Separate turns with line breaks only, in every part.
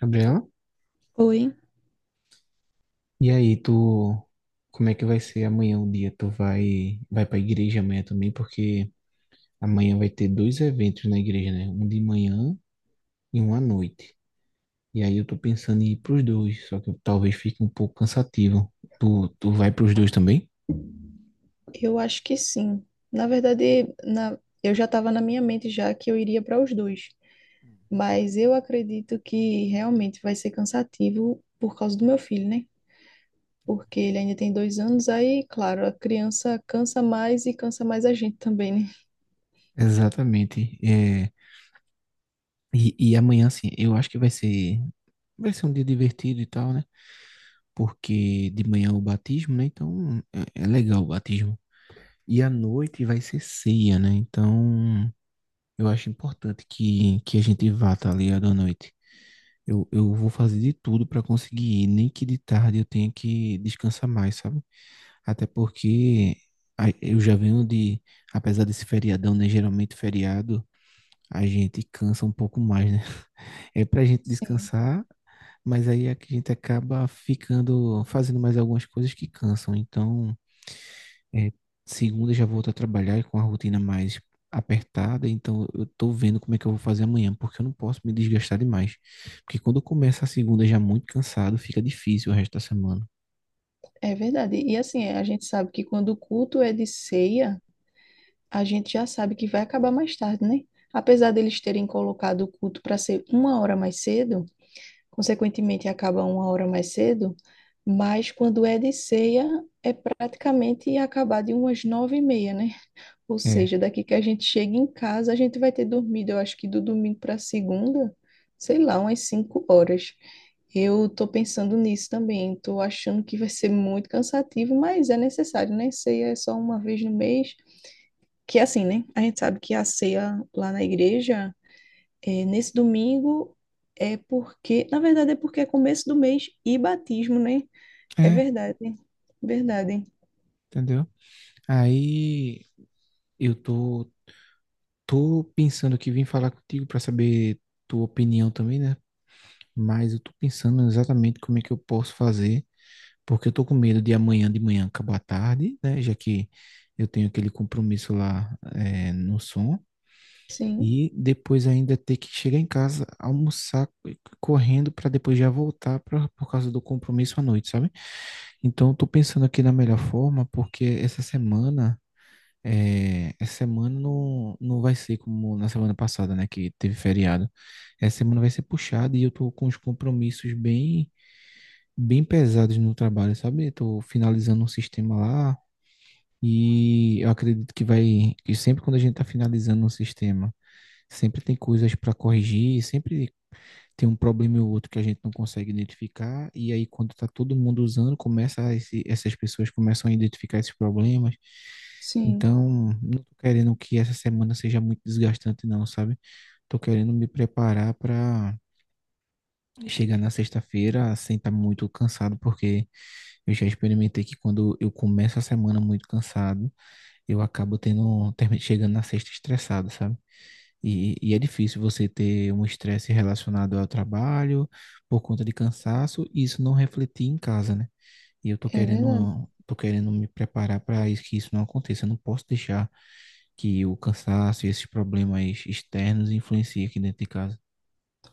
Gabriela,
Oi,
e aí, tu, como é que vai ser amanhã o dia? Tu vai pra igreja amanhã também? Porque amanhã vai ter dois eventos na igreja, né? Um de manhã e um à noite. E aí eu tô pensando em ir pros dois, só que talvez fique um pouco cansativo. Tu vai pros dois também?
eu acho que sim. Na verdade, eu já estava na minha mente já que eu iria para os dois, mas eu acredito que realmente vai ser cansativo por causa do meu filho, né? Porque ele ainda tem dois anos, aí, claro, a criança cansa mais e cansa mais a gente também, né?
Exatamente. É, e amanhã, assim, eu acho que vai ser um dia divertido e tal, né? Porque de manhã é o batismo, né? Então é legal o batismo. E à noite vai ser ceia, né? Então eu acho importante que a gente vá, tá ligado, à noite. Eu vou fazer de tudo para conseguir ir, nem que de tarde eu tenha que descansar mais, sabe? Até porque eu já venho de, apesar desse feriadão, né? Geralmente feriado, a gente cansa um pouco mais, né? É pra gente
Sim,
descansar, mas aí é que a gente acaba ficando, fazendo mais algumas coisas que cansam. Então, é, segunda eu já volto a trabalhar com a rotina mais apertada, então eu tô vendo como é que eu vou fazer amanhã, porque eu não posso me desgastar demais. Porque quando eu começo a segunda já muito cansado, fica difícil o resto da semana.
é verdade. E assim, a gente sabe que quando o culto é de ceia, a gente já sabe que vai acabar mais tarde, né? Apesar deles terem colocado o culto para ser uma hora mais cedo, consequentemente acaba uma hora mais cedo, mas quando é de ceia, é praticamente acabar de umas nove e meia, né? Ou
É,
seja, daqui que a gente chega em casa, a gente vai ter dormido, eu acho que do domingo para segunda, sei lá, umas cinco horas. Eu tô pensando nisso também, tô achando que vai ser muito cansativo, mas é necessário, né? Ceia é só uma vez no mês. Que é assim, né? A gente sabe que a ceia lá na igreja é, nesse domingo, é porque, na verdade, é porque é começo do mês e batismo, né? É
é,
verdade, verdade.
entendeu? Aí eu tô pensando que vim falar contigo para saber tua opinião também, né? Mas eu tô pensando exatamente como é que eu posso fazer, porque eu tô com medo de amanhã de manhã acabar tarde, né? Já que eu tenho aquele compromisso lá, é, no som.
Sim,
E depois ainda ter que chegar em casa, almoçar correndo para depois já voltar pra, por causa do compromisso à noite, sabe? Então, eu tô pensando aqui na melhor forma, porque essa semana, é, essa semana não, não vai ser como na semana passada, né, que teve feriado. Essa semana vai ser puxada e eu tô com os compromissos bem, bem pesados no trabalho, sabe? Eu tô finalizando um sistema lá. E eu acredito que vai, que sempre quando a gente está finalizando um sistema sempre tem coisas para corrigir, sempre tem um problema e outro que a gente não consegue identificar, e aí quando está todo mundo usando, começa essas pessoas começam a identificar esses problemas.
sim,
Então, não tô querendo que essa semana seja muito desgastante, não, sabe? Tô querendo me preparar para chegar na sexta-feira sem estar muito cansado, porque eu já experimentei que quando eu começo a semana muito cansado, eu acabo chegando na sexta estressado, sabe? E é difícil você ter um estresse relacionado ao trabalho por conta de cansaço e isso não refletir em casa, né? E eu tô
é verdade.
tô querendo me preparar para isso, que isso não aconteça. Eu não posso deixar que o cansaço e esses problemas externos influenciem aqui dentro de casa.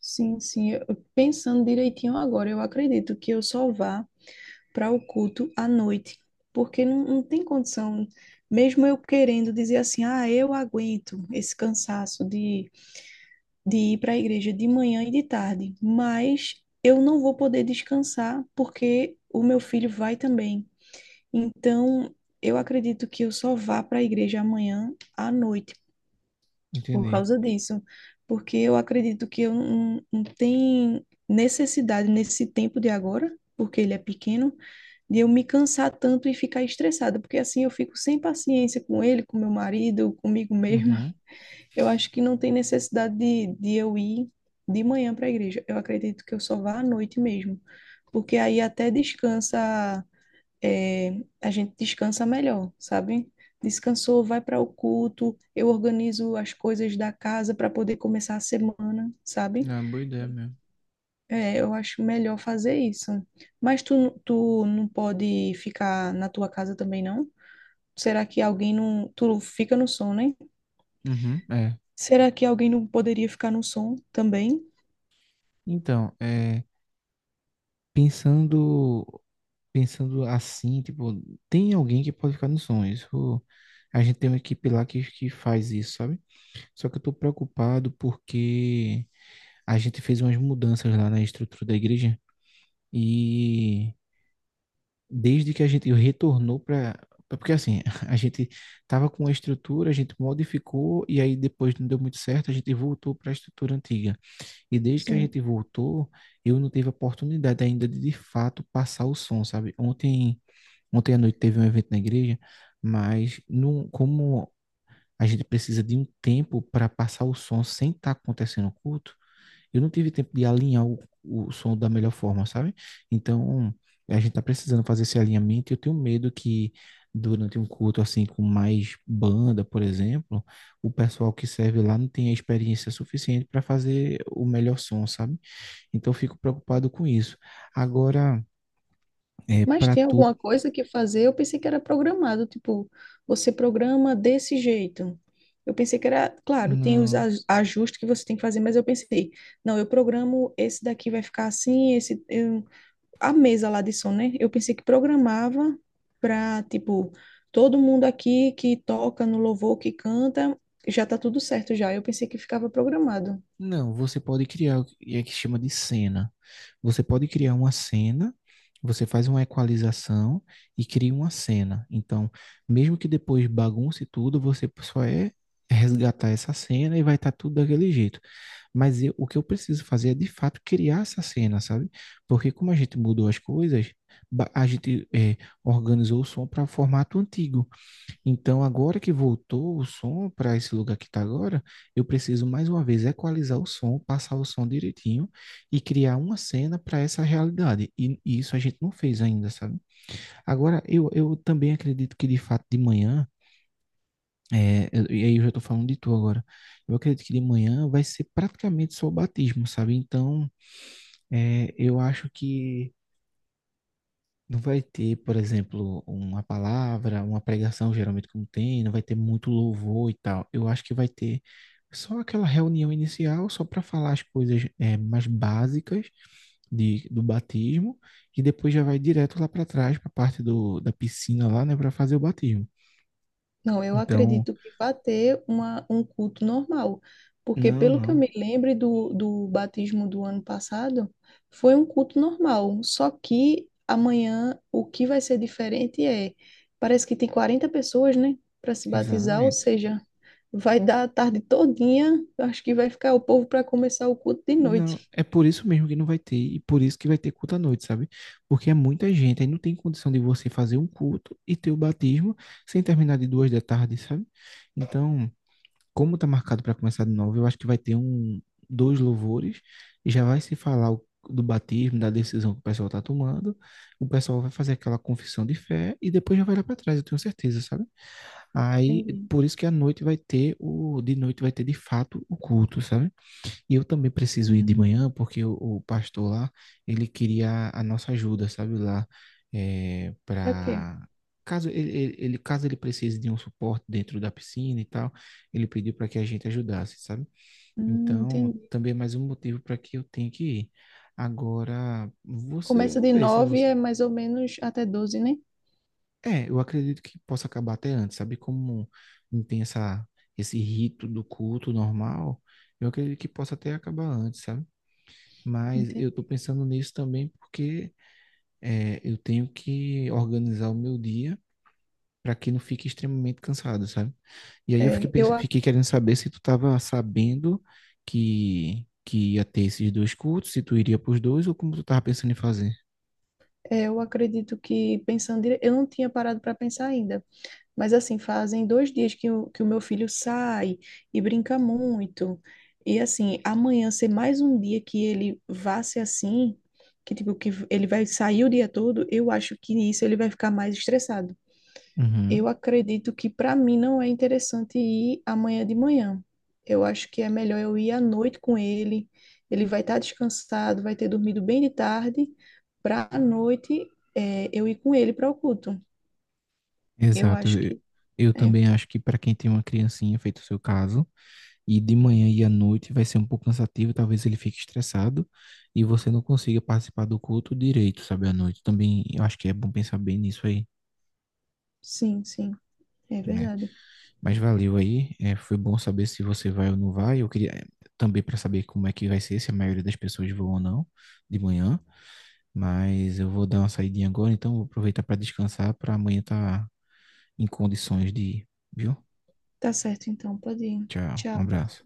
Sim, sim. Pensando direitinho agora, eu acredito que eu só vá para o culto à noite, porque não tem condição, mesmo eu querendo dizer assim, ah, eu aguento esse cansaço de ir para a igreja de manhã e de tarde, mas eu não vou poder descansar porque o meu filho vai também. Então, eu acredito que eu só vá para a igreja amanhã à noite por
Entendi.
causa disso, porque eu acredito que eu não tenho necessidade nesse tempo de agora, porque ele é pequeno, de eu me cansar tanto e ficar estressada, porque assim eu fico sem paciência com ele, com meu marido, comigo mesma.
Uhum.
Eu acho que não tem necessidade de eu ir de manhã para a igreja. Eu acredito que eu só vá à noite mesmo, porque aí até descansa, é, a gente descansa melhor, sabe? Descansou, vai para o culto, eu organizo as coisas da casa para poder começar a semana, sabe?
É boa ideia mesmo.
É, eu acho melhor fazer isso. Mas tu, tu não pode ficar na tua casa também, não? Será que alguém não. Tu fica no som, né?
Uhum. É.
Será que alguém não poderia ficar no som também?
Então, é, pensando, pensando assim, tipo, tem alguém que pode ficar no sonho. Isso, a gente tem uma equipe lá que faz isso, sabe? Só que eu tô preocupado porque a gente fez umas mudanças lá na estrutura da igreja e desde que a gente retornou para, porque assim, a gente tava com a estrutura, a gente modificou e aí depois não deu muito certo, a gente voltou para a estrutura antiga. E desde que a
Sim.
gente voltou, eu não tive a oportunidade ainda de fato passar o som, sabe? Ontem, ontem à noite teve um evento na igreja, mas não, como a gente precisa de um tempo para passar o som sem estar acontecendo o culto, eu não tive tempo de alinhar o som da melhor forma, sabe? Então, a gente tá precisando fazer esse alinhamento e eu tenho medo que durante um culto assim com mais banda, por exemplo, o pessoal que serve lá não tenha experiência suficiente para fazer o melhor som, sabe? Então, eu fico preocupado com isso. Agora, é,
Mas
para
tem
tu,
alguma coisa que fazer? Eu pensei que era programado, tipo, você programa desse jeito. Eu pensei que era, claro, tem os
não.
ajustes que você tem que fazer, mas eu pensei, não, eu programo esse daqui vai ficar assim, a mesa lá de som, né? Eu pensei que programava para, tipo, todo mundo aqui que toca no louvor, que canta, já tá tudo certo já. Eu pensei que ficava programado.
Não, você pode criar o que é que chama de cena. Você pode criar uma cena, você faz uma equalização e cria uma cena. Então, mesmo que depois bagunce tudo, você só é resgatar essa cena e vai estar tudo daquele jeito. Mas o que eu preciso fazer é de fato criar essa cena, sabe? Porque como a gente mudou as coisas, a gente organizou o som para o formato antigo. Então, agora que voltou o som para esse lugar que está agora, eu preciso mais uma vez equalizar o som, passar o som direitinho e criar uma cena para essa realidade. E isso a gente não fez ainda, sabe? Agora, eu também acredito que de fato de manhã, é, e aí eu já estou falando de tu agora, eu acredito que de manhã vai ser praticamente só o batismo, sabe? Então, é, eu acho que não vai ter, por exemplo, uma palavra, uma pregação, geralmente como tem, não vai ter muito louvor e tal. Eu acho que vai ter só aquela reunião inicial, só para falar as coisas mais básicas de, do batismo, e depois já vai direto lá para trás, para a parte do, da piscina lá, né, para fazer o batismo.
Não, eu
Então,
acredito que vai ter uma, um culto normal, porque
não,
pelo que eu
não,
me lembro do, do batismo do ano passado, foi um culto normal, só que amanhã o que vai ser diferente é, parece que tem 40 pessoas, né, para se batizar, ou
exatamente.
seja, vai dar a tarde todinha, eu acho que vai ficar o povo para começar o culto de noite.
Não, é por isso mesmo que não vai ter, e por isso que vai ter culto à noite, sabe? Porque é muita gente, aí não tem condição de você fazer um culto e ter o batismo sem terminar de duas da tarde, sabe? Então, como tá marcado para começar de novo, eu acho que vai ter um, dois louvores, e já vai se falar do batismo, da decisão que o pessoal tá tomando, o pessoal vai fazer aquela confissão de fé e depois já vai lá para trás, eu tenho certeza, sabe? Aí,
Entendi.
por isso que à noite vai ter o, de noite vai ter de fato o culto, sabe? E eu também preciso ir de
Hum,
manhã, porque o pastor lá, ele queria a nossa ajuda, sabe, lá, é,
ok.
para caso caso ele precise de um suporte dentro da piscina e tal, ele pediu para que a gente ajudasse, sabe? Então,
Entendi.
também é mais um motivo para que eu tenha que ir. Agora, você, eu
Começa
não
de
sei se
9
você.
é mais ou menos até 12, né?
É, eu acredito que possa acabar até antes, sabe? Como não tem essa, esse rito do culto normal, eu acredito que possa até acabar antes, sabe? Mas
Entendi.
eu estou pensando nisso também porque é, eu tenho que organizar o meu dia para que não fique extremamente cansado, sabe? E aí eu
É, eu
fiquei querendo saber se tu estava sabendo que ia ter esses dois cultos, se tu iria para os dois ou como tu estava pensando em fazer.
É, eu acredito que pensando, eu não tinha parado para pensar ainda, mas assim, fazem dois dias que o meu filho sai e brinca muito. E assim, amanhã ser mais um dia que ele vá ser assim, que tipo, que ele vai sair o dia todo, eu acho que nisso ele vai ficar mais estressado.
Uhum,
Eu acredito que para mim não é interessante ir amanhã de manhã. Eu acho que é melhor eu ir à noite com ele. Ele vai estar descansado, vai ter dormido bem de tarde, para à noite, é, eu ir com ele para o culto. Eu
exato.
acho que
Eu
é,
também acho que para quem tem uma criancinha, feito o seu caso, e de manhã e à noite vai ser um pouco cansativo, talvez ele fique estressado e você não consiga participar do culto direito, sabe, à noite. Também eu acho que é bom pensar bem nisso aí,
sim, sim, é
né?
verdade.
Mas valeu aí, é, foi bom saber se você vai ou não vai. Eu queria é, também para saber como é que vai ser, se a maioria das pessoas vão ou não de manhã, mas eu vou dar uma saidinha agora, então vou aproveitar para descansar para amanhã estar em condições de ir, viu?
Tá certo, então, pode ir.
Tchau, um
Tchau.
abraço.